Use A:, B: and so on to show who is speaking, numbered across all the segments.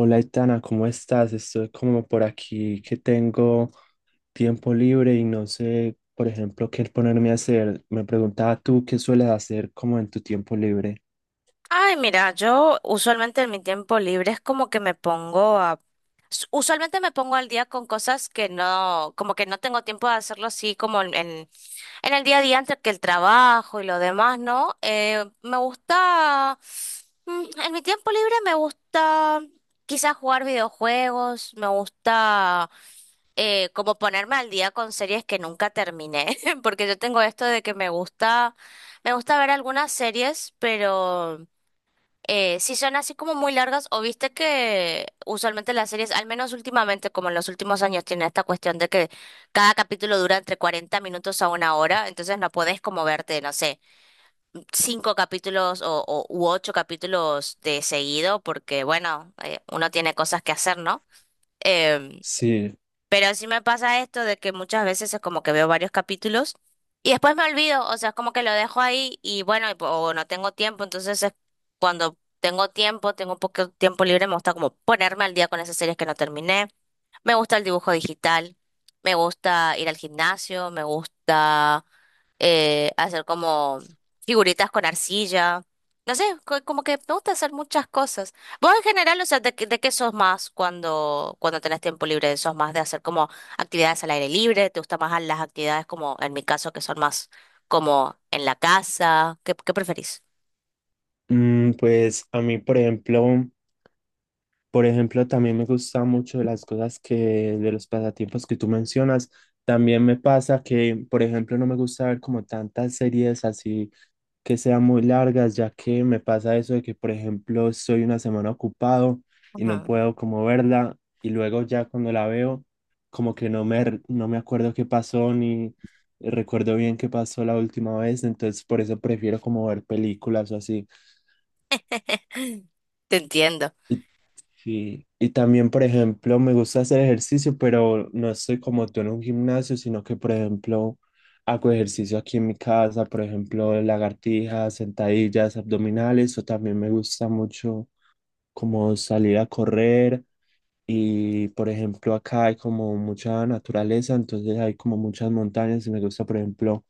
A: Hola, Itana, ¿cómo estás? Estoy como por aquí que tengo tiempo libre y no sé, por ejemplo, qué ponerme a hacer. Me preguntaba tú qué sueles hacer como en tu tiempo libre.
B: Ay, mira, yo usualmente en mi tiempo libre es como que me pongo a... Usualmente me pongo al día con cosas que no, como que no tengo tiempo de hacerlo así como en el día a día antes que el trabajo y lo demás, ¿no? Me gusta, en mi tiempo libre me gusta quizás jugar videojuegos, me gusta como ponerme al día con series que nunca terminé, porque yo tengo esto de que me gusta ver algunas series, pero... si son así como muy largas, o viste que usualmente las series, al menos últimamente, como en los últimos años, tiene esta cuestión de que cada capítulo dura entre 40 minutos a 1 hora, entonces no podés como verte, no sé, cinco capítulos u ocho capítulos de seguido, porque bueno, uno tiene cosas que hacer, ¿no? Em,
A: Sí,
B: pero sí me pasa esto de que muchas veces es como que veo varios capítulos y después me olvido, o sea, es como que lo dejo ahí y bueno, o no tengo tiempo, entonces es cuando tengo tiempo, tengo un poco de tiempo libre, me gusta como ponerme al día con esas series que no terminé. Me gusta el dibujo digital, me gusta ir al gimnasio, me gusta hacer como figuritas con arcilla. No sé, como que me gusta hacer muchas cosas. Vos en general, o sea, ¿ de qué sos más cuando tenés tiempo libre? ¿Sos más de hacer como actividades al aire libre? ¿Te gustan más las actividades como, en mi caso, que son más como en la casa? ¿Qué, qué preferís?
A: pues a mí, por ejemplo, también me gusta mucho de las cosas que, de los pasatiempos que tú mencionas. También me pasa que, por ejemplo, no me gusta ver como tantas series así que sean muy largas, ya que me pasa eso de que, por ejemplo, estoy una semana ocupado y no
B: Ujú.
A: puedo como verla y luego ya cuando la veo, como que no me, no me acuerdo qué pasó ni recuerdo bien qué pasó la última vez, entonces por eso prefiero como ver películas o así.
B: Te entiendo.
A: ¿Y sí, y también, por ejemplo, me gusta hacer ejercicio, pero no estoy como tú en un gimnasio, sino que, por ejemplo, hago ejercicio aquí en mi casa, por ejemplo, lagartijas, sentadillas, abdominales, o también me gusta mucho como salir a correr y por ejemplo, acá hay como mucha naturaleza, entonces hay como muchas montañas y me gusta, por ejemplo,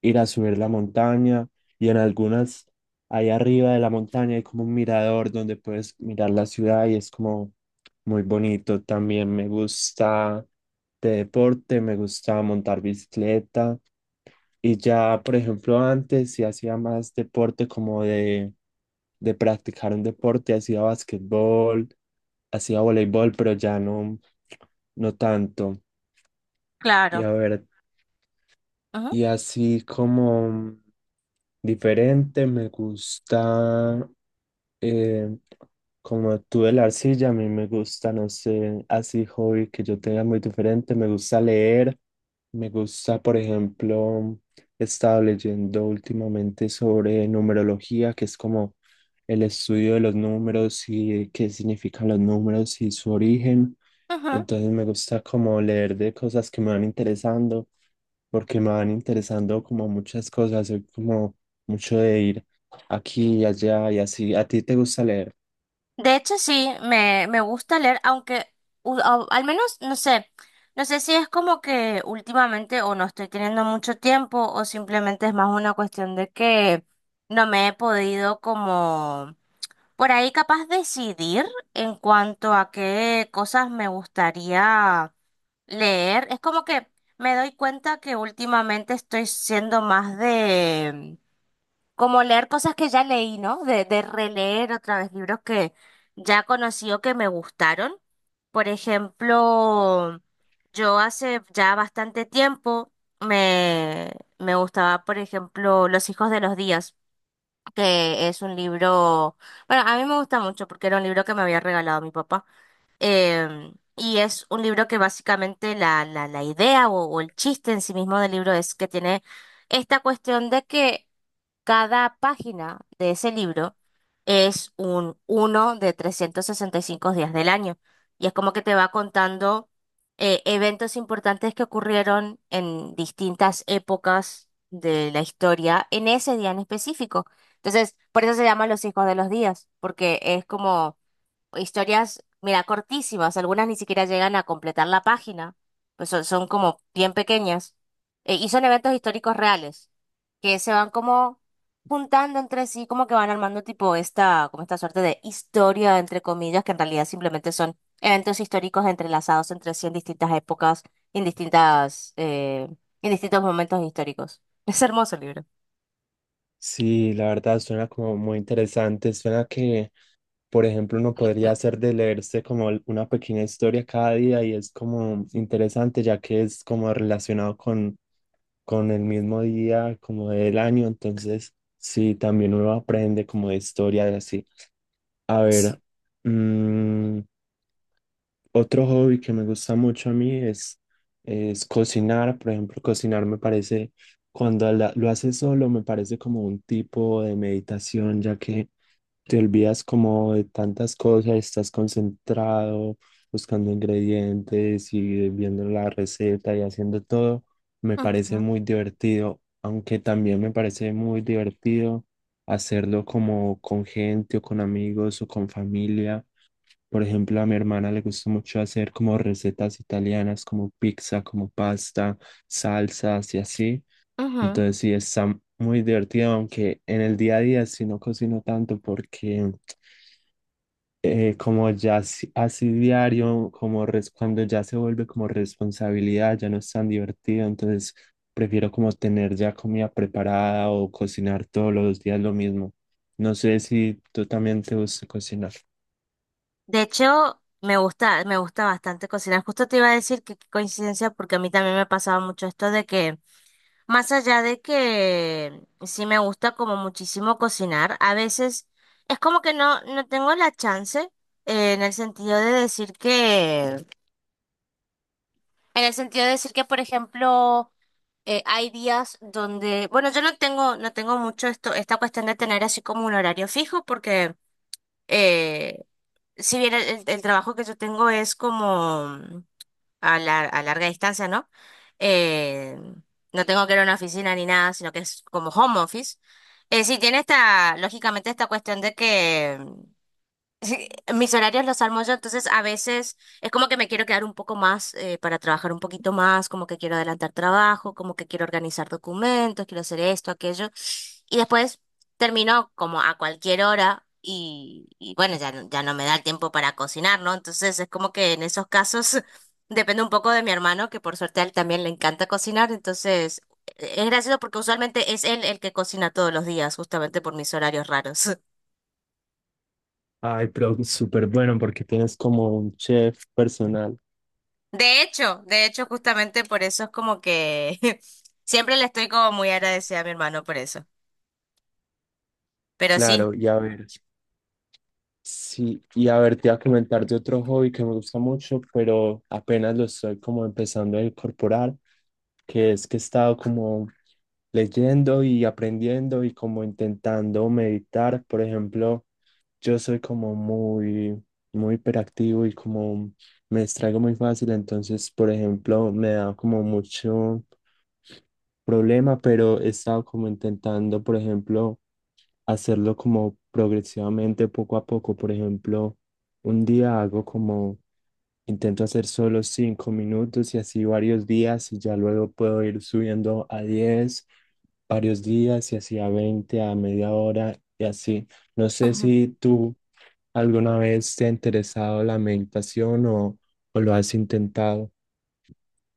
A: ir a subir la montaña y en algunas, ahí arriba de la montaña hay como un mirador donde puedes mirar la ciudad y es como muy bonito. También me gusta de deporte, me gusta montar bicicleta y ya, por ejemplo, antes sí hacía más deporte como de practicar un deporte, hacía básquetbol, hacía voleibol, pero ya no, no tanto. Y
B: Claro.
A: a ver.
B: Ujú,
A: Y así como diferente, me gusta, eh, como tú de la arcilla, a mí me gusta, no sé, así hobby que yo tenga muy diferente, me gusta leer, me gusta, por ejemplo, he estado leyendo últimamente sobre numerología, que es como el estudio de los números y qué significan los números y su origen.
B: ujú.
A: Entonces me gusta como leer de cosas que me van interesando, porque me van interesando como muchas cosas, soy como mucho de ir aquí y allá y así. ¿A ti te gusta leer?
B: De hecho, sí, me gusta leer, aunque al menos, no sé, no sé si es como que últimamente o no estoy teniendo mucho tiempo o simplemente es más una cuestión de que no me he podido como por ahí capaz decidir en cuanto a qué cosas me gustaría leer. Es como que me doy cuenta que últimamente estoy siendo más como leer cosas que ya leí, ¿no? De releer otra vez libros que ya conocí o que me gustaron. Por ejemplo, yo hace ya bastante tiempo me, me gustaba, por ejemplo, Los hijos de los días, que es un libro, bueno, a mí me gusta mucho porque era un libro que me había regalado mi papá. Y es un libro que básicamente la idea o el chiste en sí mismo del libro es que tiene esta cuestión de que cada página de ese libro es un uno de 365 días del año. Y es como que te va contando eventos importantes que ocurrieron en distintas épocas de la historia en ese día en específico. Entonces, por eso se llama Los Hijos de los Días, porque es como historias, mira, cortísimas, algunas ni siquiera llegan a completar la página, pues son como bien pequeñas, y son eventos históricos reales, que se van como juntando entre sí, como que van armando tipo esta, como esta suerte de historia, entre comillas, que en realidad simplemente son eventos históricos entrelazados entre sí en distintas épocas, en en distintos momentos históricos. Es hermoso el libro.
A: Sí, la verdad suena como muy interesante. Suena que, por ejemplo, uno podría hacer de leerse como una pequeña historia cada día y es como interesante ya que es como relacionado con el mismo día, como del año. Entonces, sí, también uno aprende como de historia y así. A ver, mm, otro hobby que me gusta mucho a mí es cocinar. Por ejemplo, cocinar me parece, cuando lo haces solo, me parece como un tipo de meditación, ya que te olvidas como de tantas cosas, estás concentrado, buscando ingredientes y viendo la receta y haciendo todo. Me parece
B: Ujú,
A: muy divertido, aunque también me parece muy divertido hacerlo como con gente o con amigos o con familia, por ejemplo, a mi hermana le gusta mucho hacer como recetas italianas, como pizza, como pasta, salsas y así.
B: ujú.
A: Entonces sí, está muy divertido, aunque en el día a día sí no cocino tanto porque como ya así, así diario, cuando ya se vuelve como responsabilidad, ya no es tan divertido. Entonces prefiero como tener ya comida preparada o cocinar todos los días lo mismo. No sé si tú también te gusta cocinar.
B: De hecho, me gusta bastante cocinar. Justo te iba a decir que qué coincidencia, porque a mí también me pasaba mucho esto de que, más allá de que sí me gusta como muchísimo cocinar, a veces es como que no, no tengo la chance, en el sentido de decir que, en el sentido de decir que, por ejemplo, hay días donde, bueno, yo no tengo, no tengo mucho esto, esta cuestión de tener así como un horario fijo, porque eh, si bien el trabajo que yo tengo es como a larga distancia, ¿no? Eh, no tengo que ir a una oficina ni nada, sino que es como home office. Sí, tiene esta, lógicamente, esta cuestión de que sí, mis horarios los armo yo, entonces a veces es como que me quiero quedar un poco más para trabajar un poquito más, como que quiero adelantar trabajo, como que quiero organizar documentos, quiero hacer esto, aquello. Y después termino como a cualquier hora y bueno, ya, ya no me da el tiempo para cocinar, ¿no? Entonces es como que en esos casos depende un poco de mi hermano, que por suerte a él también le encanta cocinar, entonces es gracioso porque usualmente es él el que cocina todos los días, justamente por mis horarios raros.
A: Ay, pero súper bueno porque tienes como un chef personal.
B: De hecho, justamente por eso es como que siempre le estoy como muy agradecida a mi hermano por eso. Pero sí.
A: Claro, y a ver, sí, y a ver, te voy a comentar de otro hobby que me gusta mucho, pero apenas lo estoy como empezando a incorporar, que es que he estado como leyendo y aprendiendo y como intentando meditar. Por ejemplo, yo soy como muy hiperactivo y como me distraigo muy fácil, entonces, por ejemplo, me da como mucho problema, pero he estado como intentando, por ejemplo, hacerlo como progresivamente, poco a poco. Por ejemplo, un día hago como, intento hacer solo 5 minutos y así varios días y ya luego puedo ir subiendo a 10 varios días y así a 20, a media hora y así. No sé
B: Ujú.
A: si tú alguna vez te ha interesado la meditación o lo has intentado.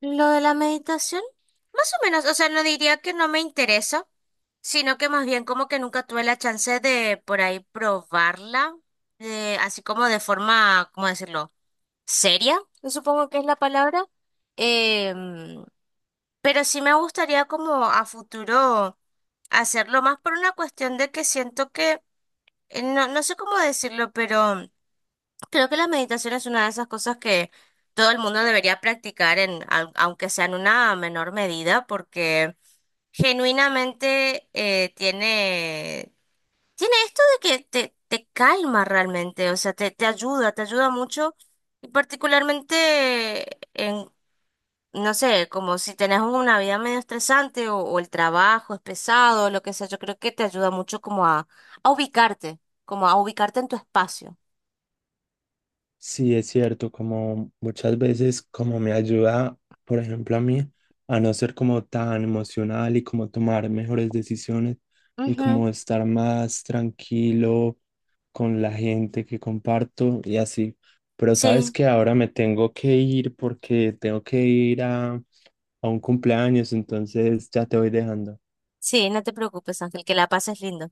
B: Lo de la meditación, más o menos, o sea, no diría que no me interesa, sino que más bien como que nunca tuve la chance de por ahí probarla, así como de forma, ¿cómo decirlo? Seria, supongo que es la palabra. Em, pero sí me gustaría como a futuro hacerlo más por una cuestión de que siento que no, no sé cómo decirlo, pero creo que la meditación es una de esas cosas que todo el mundo debería practicar en, aunque sea en una menor medida, porque genuinamente tiene, tiene esto de que te calma realmente, o sea, te ayuda, te ayuda mucho, y particularmente en, no sé, como si tenés una vida medio estresante o el trabajo es pesado, lo que sea, yo creo que te ayuda mucho como a ubicarte como a ubicarte en tu espacio.
A: Sí, es cierto, como muchas veces como me ayuda, por ejemplo, a mí a no ser como tan emocional y como tomar mejores decisiones y
B: Ujú.
A: como estar más tranquilo con la gente que comparto y así. Pero sabes
B: Sí,
A: que ahora me tengo que ir porque tengo que ir a un cumpleaños, entonces ya te voy dejando.
B: sí, no te preocupes, Ángel, que la pases lindo.